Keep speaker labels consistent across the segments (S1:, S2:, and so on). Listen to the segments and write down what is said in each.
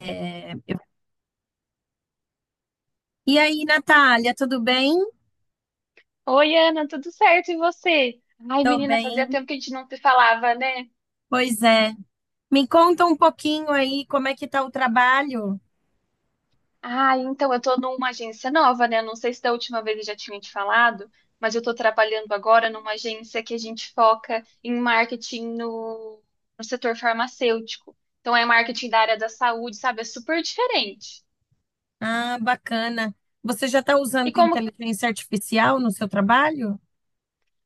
S1: É, eu- E aí, Natália, tudo bem?
S2: Oi, Ana, tudo certo? E você? Ai,
S1: Tô
S2: menina, fazia
S1: bem.
S2: tempo que a gente não se falava, né?
S1: Pois é. Me conta um pouquinho aí como é que tá o trabalho.
S2: Então eu tô numa agência nova, né? Não sei se da última vez eu já tinha te falado, mas eu tô trabalhando agora numa agência que a gente foca em marketing no, no setor farmacêutico. Então é marketing da área da saúde, sabe? É super diferente.
S1: Ah, bacana. Você já está
S2: E
S1: usando
S2: como
S1: inteligência artificial no seu trabalho?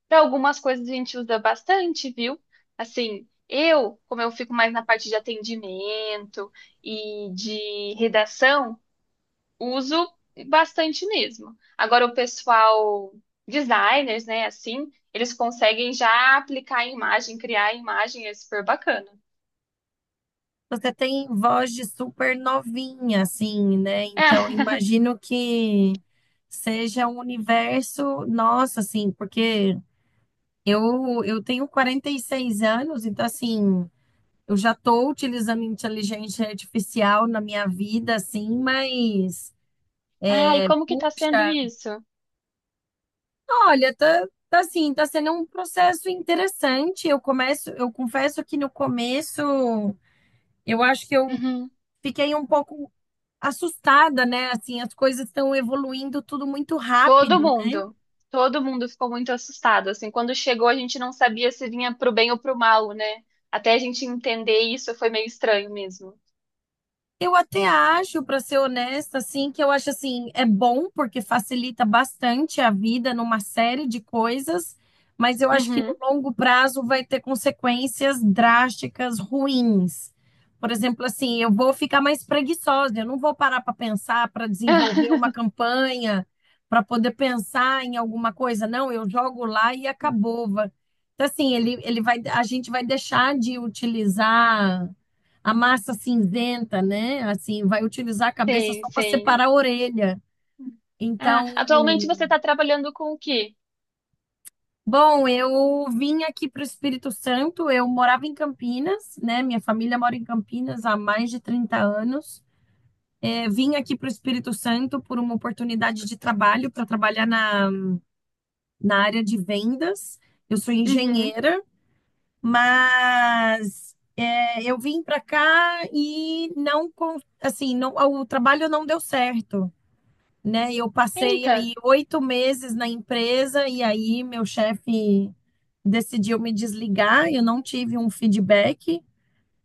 S2: para algumas coisas a gente usa bastante, viu? Assim, como eu fico mais na parte de atendimento e de redação. Uso bastante mesmo. Agora, o pessoal, designers, né, assim, eles conseguem já aplicar a imagem, criar a imagem, é super bacana.
S1: Você tem voz de super novinha, assim, né? Então,
S2: Ah,
S1: imagino que seja um universo, nossa, assim, porque eu tenho 46 anos, então, assim. Eu já estou utilizando inteligência artificial na minha vida, assim, mas,
S2: ai, como que tá sendo
S1: puxa,
S2: isso?
S1: olha, tá assim, tá sendo um processo interessante. Eu confesso que no começo eu acho que eu
S2: Uhum.
S1: fiquei um pouco assustada, né? Assim, as coisas estão evoluindo tudo muito
S2: Todo
S1: rápido, né?
S2: mundo, todo mundo ficou muito assustado, assim, quando chegou a gente não sabia se vinha pro bem ou pro mal, né? Até a gente entender isso foi meio estranho mesmo.
S1: Eu até acho, para ser honesta, assim, que eu acho assim, é bom porque facilita bastante a vida numa série de coisas, mas eu acho que no
S2: Uhum.
S1: longo prazo vai ter consequências drásticas ruins. Por exemplo, assim, eu vou ficar mais preguiçosa, eu não vou parar para pensar, para desenvolver uma campanha, para poder pensar em alguma coisa. Não, eu jogo lá e acabou. Então, assim, a gente vai deixar de utilizar a massa cinzenta, né? Assim, vai utilizar a cabeça
S2: Sim,
S1: só para
S2: sim.
S1: separar a orelha.
S2: Ah,
S1: Então,
S2: atualmente você está trabalhando com o quê?
S1: bom, eu vim aqui para o Espírito Santo, eu morava em Campinas, né? Minha família mora em Campinas há mais de 30 anos. É, vim aqui para o Espírito Santo por uma oportunidade de trabalho, para trabalhar na área de vendas. Eu sou
S2: Uhum.
S1: engenheira, mas é, eu vim para cá e não, assim, não, o trabalho não deu certo, né? Eu passei
S2: Eita.
S1: aí 8 meses na empresa e aí meu chefe decidiu me desligar. Eu não tive um feedback.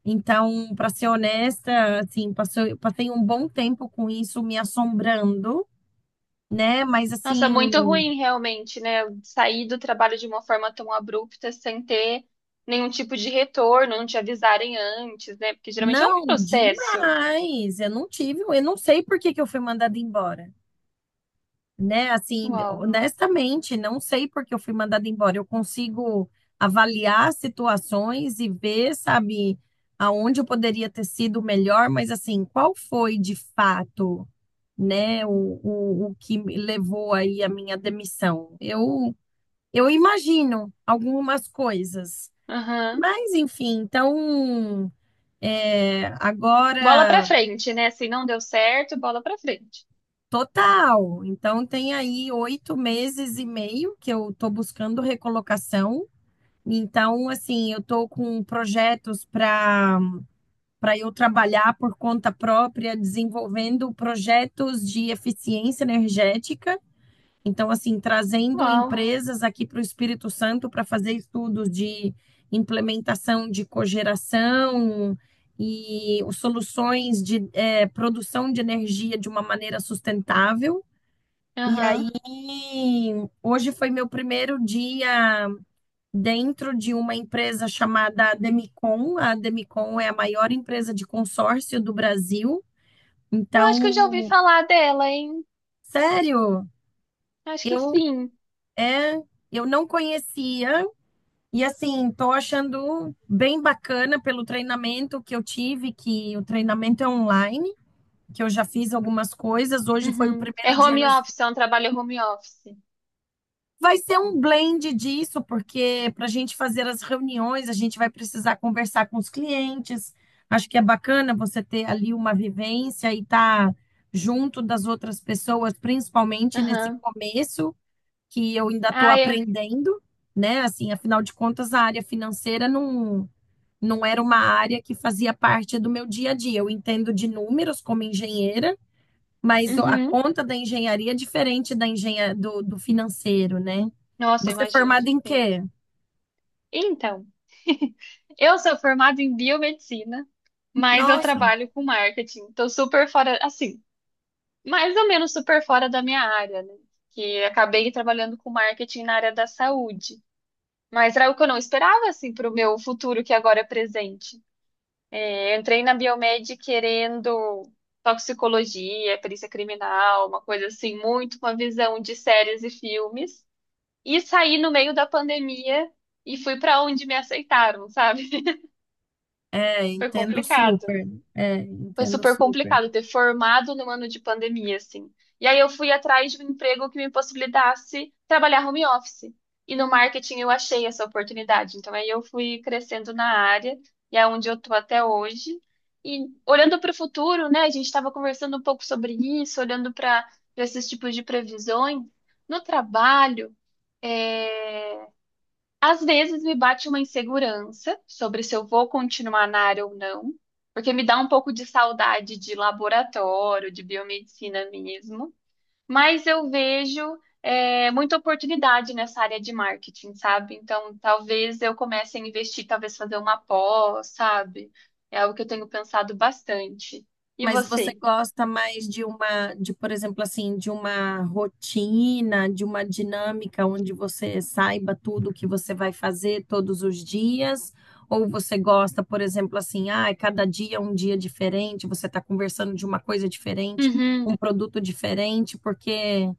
S1: Então, para ser honesta, assim, eu passei um bom tempo com isso me assombrando, né? Mas
S2: Nossa,
S1: assim,
S2: muito ruim realmente, né? Eu sair do trabalho de uma forma tão abrupta, sem ter nenhum tipo de retorno, não te avisarem antes, né? Porque geralmente é um
S1: não,
S2: processo.
S1: demais. Eu não sei por que que eu fui mandada embora, né? Assim,
S2: Uau.
S1: honestamente, não sei porque eu fui mandada embora. Eu consigo avaliar situações e ver, sabe, aonde eu poderia ter sido melhor, mas assim, qual foi de fato, né, o que me levou aí a minha demissão? Eu imagino algumas coisas,
S2: Aham.
S1: mas enfim, então. É,
S2: Bola pra
S1: agora
S2: frente, né? Se não deu certo, bola pra frente.
S1: Total. Então, tem aí 8 meses e meio que eu estou buscando recolocação. Então, assim, eu estou com projetos para eu trabalhar por conta própria, desenvolvendo projetos de eficiência energética. Então, assim, trazendo
S2: Uau.
S1: empresas aqui para o Espírito Santo para fazer estudos de implementação de cogeração e soluções de produção de energia de uma maneira sustentável. E
S2: Aham.
S1: aí, hoje foi meu primeiro dia dentro de uma empresa chamada Demicon. A Demicon é a maior empresa de consórcio do Brasil.
S2: Eu acho que eu já ouvi
S1: Então,
S2: falar dela, hein?
S1: sério,
S2: Acho que
S1: eu
S2: sim.
S1: é, eu não conhecia e assim, tô achando bem bacana pelo treinamento que eu tive, que o treinamento é online, que eu já fiz algumas coisas. Hoje foi o
S2: Uhum. É
S1: primeiro dia no
S2: home office, é um trabalho home office.
S1: Vai ser um blend disso, porque para a gente fazer as reuniões, a gente vai precisar conversar com os clientes. Acho que é bacana você ter ali uma vivência e estar junto das outras pessoas, principalmente nesse
S2: Aham.
S1: começo, que eu ainda estou
S2: Ah, é.
S1: aprendendo, né? Assim, afinal de contas, a área financeira não era uma área que fazia parte do meu dia a dia. Eu entendo de números como engenheira, mas a
S2: Uhum.
S1: conta da engenharia é diferente da engenha do financeiro, né?
S2: Nossa, eu
S1: Você é
S2: imagino.
S1: formado em
S2: Sim.
S1: quê?
S2: Então, eu sou formada em biomedicina, mas eu
S1: Nossa,
S2: trabalho com marketing. Estou super fora, assim, mais ou menos super fora da minha área, né? Que acabei trabalhando com marketing na área da saúde. Mas era o que eu não esperava, assim, para o meu futuro, que agora é presente. Eu entrei na Biomed querendo toxicologia, perícia criminal, uma coisa assim, muito com a visão de séries e filmes. E saí no meio da pandemia e fui para onde me aceitaram, sabe?
S1: é,
S2: Foi
S1: entendo
S2: complicado.
S1: super. É,
S2: Foi
S1: entendo
S2: super
S1: super.
S2: complicado ter formado num ano de pandemia, assim. E aí eu fui atrás de um emprego que me possibilitasse trabalhar home office. E no marketing eu achei essa oportunidade. Então aí eu fui crescendo na área e é onde eu tô até hoje. E olhando para o futuro, né? A gente estava conversando um pouco sobre isso, olhando para esses tipos de previsões. No trabalho, é, às vezes me bate uma insegurança sobre se eu vou continuar na área ou não, porque me dá um pouco de saudade de laboratório, de biomedicina mesmo. Mas eu vejo muita oportunidade nessa área de marketing, sabe? Então, talvez eu comece a investir, talvez fazer uma pós, sabe? É algo que eu tenho pensado bastante. E
S1: Mas você
S2: você?
S1: gosta mais por exemplo, assim, de uma rotina, de uma dinâmica onde você saiba tudo o que você vai fazer todos os dias? Ou você gosta, por exemplo, assim, ah, é cada dia é um dia diferente, você está conversando de uma coisa diferente,
S2: Uhum,
S1: um produto diferente, porque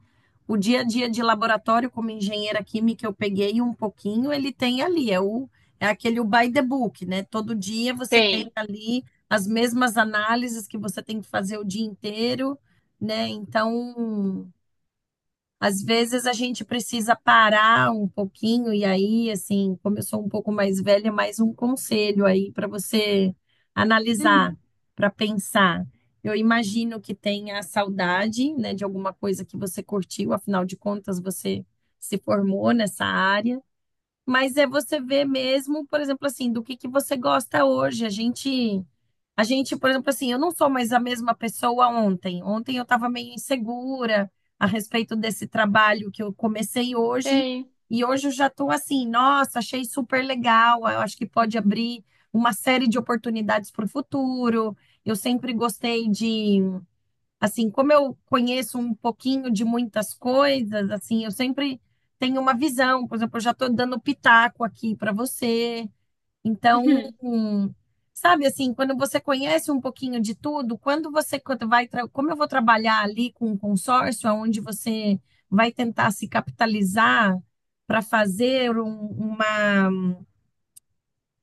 S1: o dia a dia de laboratório como engenheira química eu peguei um pouquinho, ele tem ali, é o é aquele o by the book, né? Todo dia você tem
S2: tem.
S1: ali as mesmas análises que você tem que fazer o dia inteiro, né? Então, às vezes a gente precisa parar um pouquinho, e aí, assim, como eu sou um pouco mais velha, é mais um conselho aí para você
S2: Hum,
S1: analisar, para pensar. Eu imagino que tenha a saudade, né, de alguma coisa que você curtiu, afinal de contas, você se formou nessa área. Mas é você ver mesmo, por exemplo, assim, do que você gosta hoje. A gente, por exemplo, assim, eu não sou mais a mesma pessoa ontem. Ontem eu estava meio insegura a respeito desse trabalho que eu comecei hoje.
S2: tem.
S1: E hoje eu já estou assim, nossa, achei super legal. Eu acho que pode abrir uma série de oportunidades para o futuro. Eu sempre gostei de Assim, como eu conheço um pouquinho de muitas coisas, assim, eu sempre tenho uma visão. Por exemplo, eu já estou dando pitaco aqui para você. Então,
S2: Uhum,
S1: sabe assim, quando você conhece um pouquinho de tudo, quando você quando vai, tra- como eu vou trabalhar ali com um consórcio, onde você vai tentar se capitalizar para fazer um- uma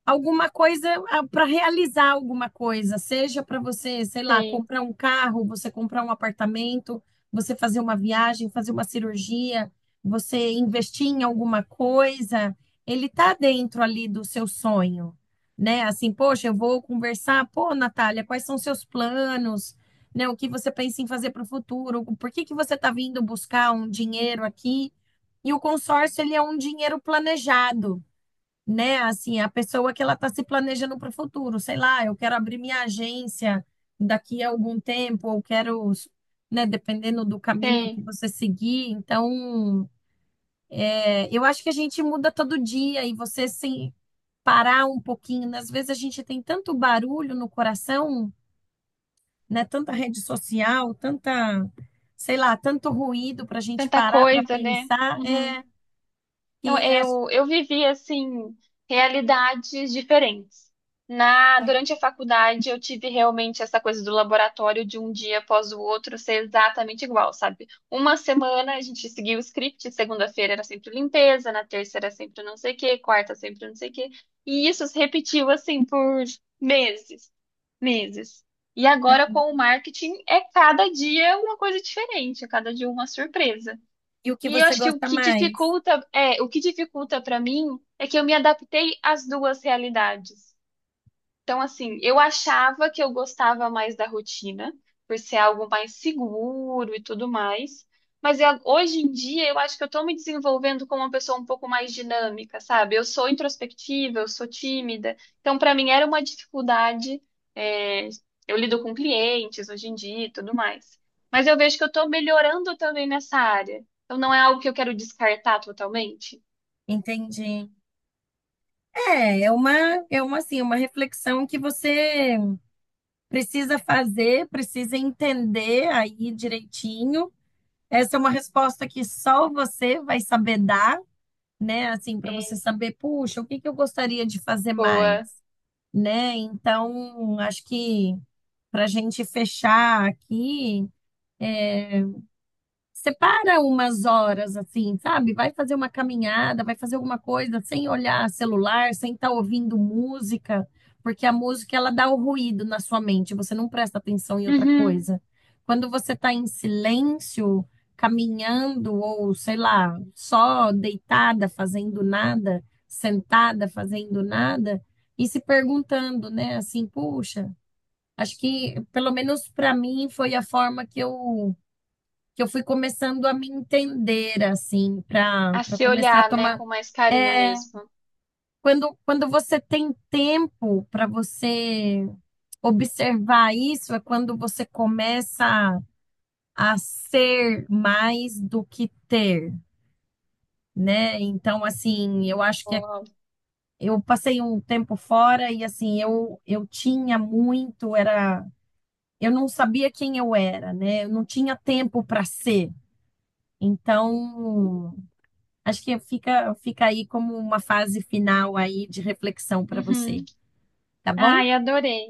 S1: alguma coisa para realizar alguma coisa, seja para você, sei lá,
S2: tem.
S1: comprar um carro, você comprar um apartamento, você fazer uma viagem, fazer uma cirurgia, você investir em alguma coisa, ele tá dentro ali do seu sonho, né? Assim, poxa, eu vou conversar, pô, Natália, quais são seus planos? Né, o que você pensa em fazer para o futuro? Por que que você tá vindo buscar um dinheiro aqui? E o consórcio, ele é um dinheiro planejado, né? Assim, a pessoa que ela está se planejando para o futuro, sei lá, eu quero abrir minha agência daqui a algum tempo, ou quero, né, dependendo do caminho que
S2: Tem.
S1: você seguir. Então, é, eu acho que a gente muda todo dia e você se parar um pouquinho, né. Às vezes a gente tem tanto barulho no coração, né? Tanta rede social, tanta, sei lá, tanto ruído para a gente
S2: Tanta
S1: parar para
S2: coisa, né?
S1: pensar,
S2: Uhum. Eu,
S1: que acho-
S2: eu, eu vivi, assim, realidades diferentes. Durante a faculdade, eu tive realmente essa coisa do laboratório de um dia após o outro ser exatamente igual, sabe? Uma semana a gente seguia o script, segunda-feira era sempre limpeza, na terça era sempre não sei o quê, quarta sempre não sei o quê. E isso se repetiu, assim, por meses, meses. E agora, com o marketing, é cada dia uma coisa diferente, é cada dia uma surpresa.
S1: e o que
S2: E eu
S1: você
S2: acho que
S1: gosta mais,
S2: o que dificulta para mim é que eu me adaptei às duas realidades. Então, assim, eu achava que eu gostava mais da rotina, por ser algo mais seguro e tudo mais. Hoje em dia eu acho que eu tô me desenvolvendo como uma pessoa um pouco mais dinâmica, sabe? Eu sou introspectiva, eu sou tímida. Então, para mim era uma dificuldade. é, eu lido com clientes hoje em dia e tudo mais. Mas eu vejo que eu tô melhorando também nessa área. Então, não é algo que eu quero descartar totalmente.
S1: entende? É, assim, uma reflexão que você precisa fazer, precisa entender aí direitinho. Essa é uma resposta que só você vai saber dar, né? Assim, para você
S2: É,
S1: saber, puxa, o que que eu gostaria de fazer mais,
S2: boa.
S1: né? Então, acho que para a gente fechar aqui, separa umas horas assim, sabe? Vai fazer uma caminhada, vai fazer alguma coisa sem olhar celular, sem estar ouvindo música, porque a música ela dá o ruído na sua mente, você não presta atenção em outra
S2: Uhum.
S1: coisa. Quando você está em silêncio, caminhando ou sei lá, só deitada, fazendo nada, sentada, fazendo nada e se perguntando, né, assim, puxa, acho que pelo menos para mim foi a forma que eu fui começando a me entender, assim, para
S2: A
S1: para
S2: se
S1: começar a
S2: olhar, né,
S1: tomar.
S2: com mais carinho
S1: É,
S2: mesmo.
S1: quando você tem tempo para você observar isso, é quando você começa a ser mais do que ter, né? Então, assim, eu acho que
S2: Uau.
S1: eu passei um tempo fora e, assim, eu tinha muito, era. Eu não sabia quem eu era, né? Eu não tinha tempo para ser. Então, acho que fica aí como uma fase final aí de reflexão para você,
S2: Uhum.
S1: tá bom?
S2: Ai, adorei.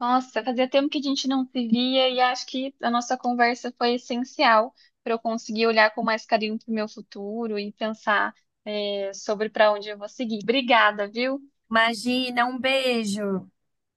S2: Nossa, fazia tempo que a gente não se via e acho que a nossa conversa foi essencial para eu conseguir olhar com mais carinho para o meu futuro e pensar sobre para onde eu vou seguir. Obrigada, viu?
S1: Imagina, um beijo.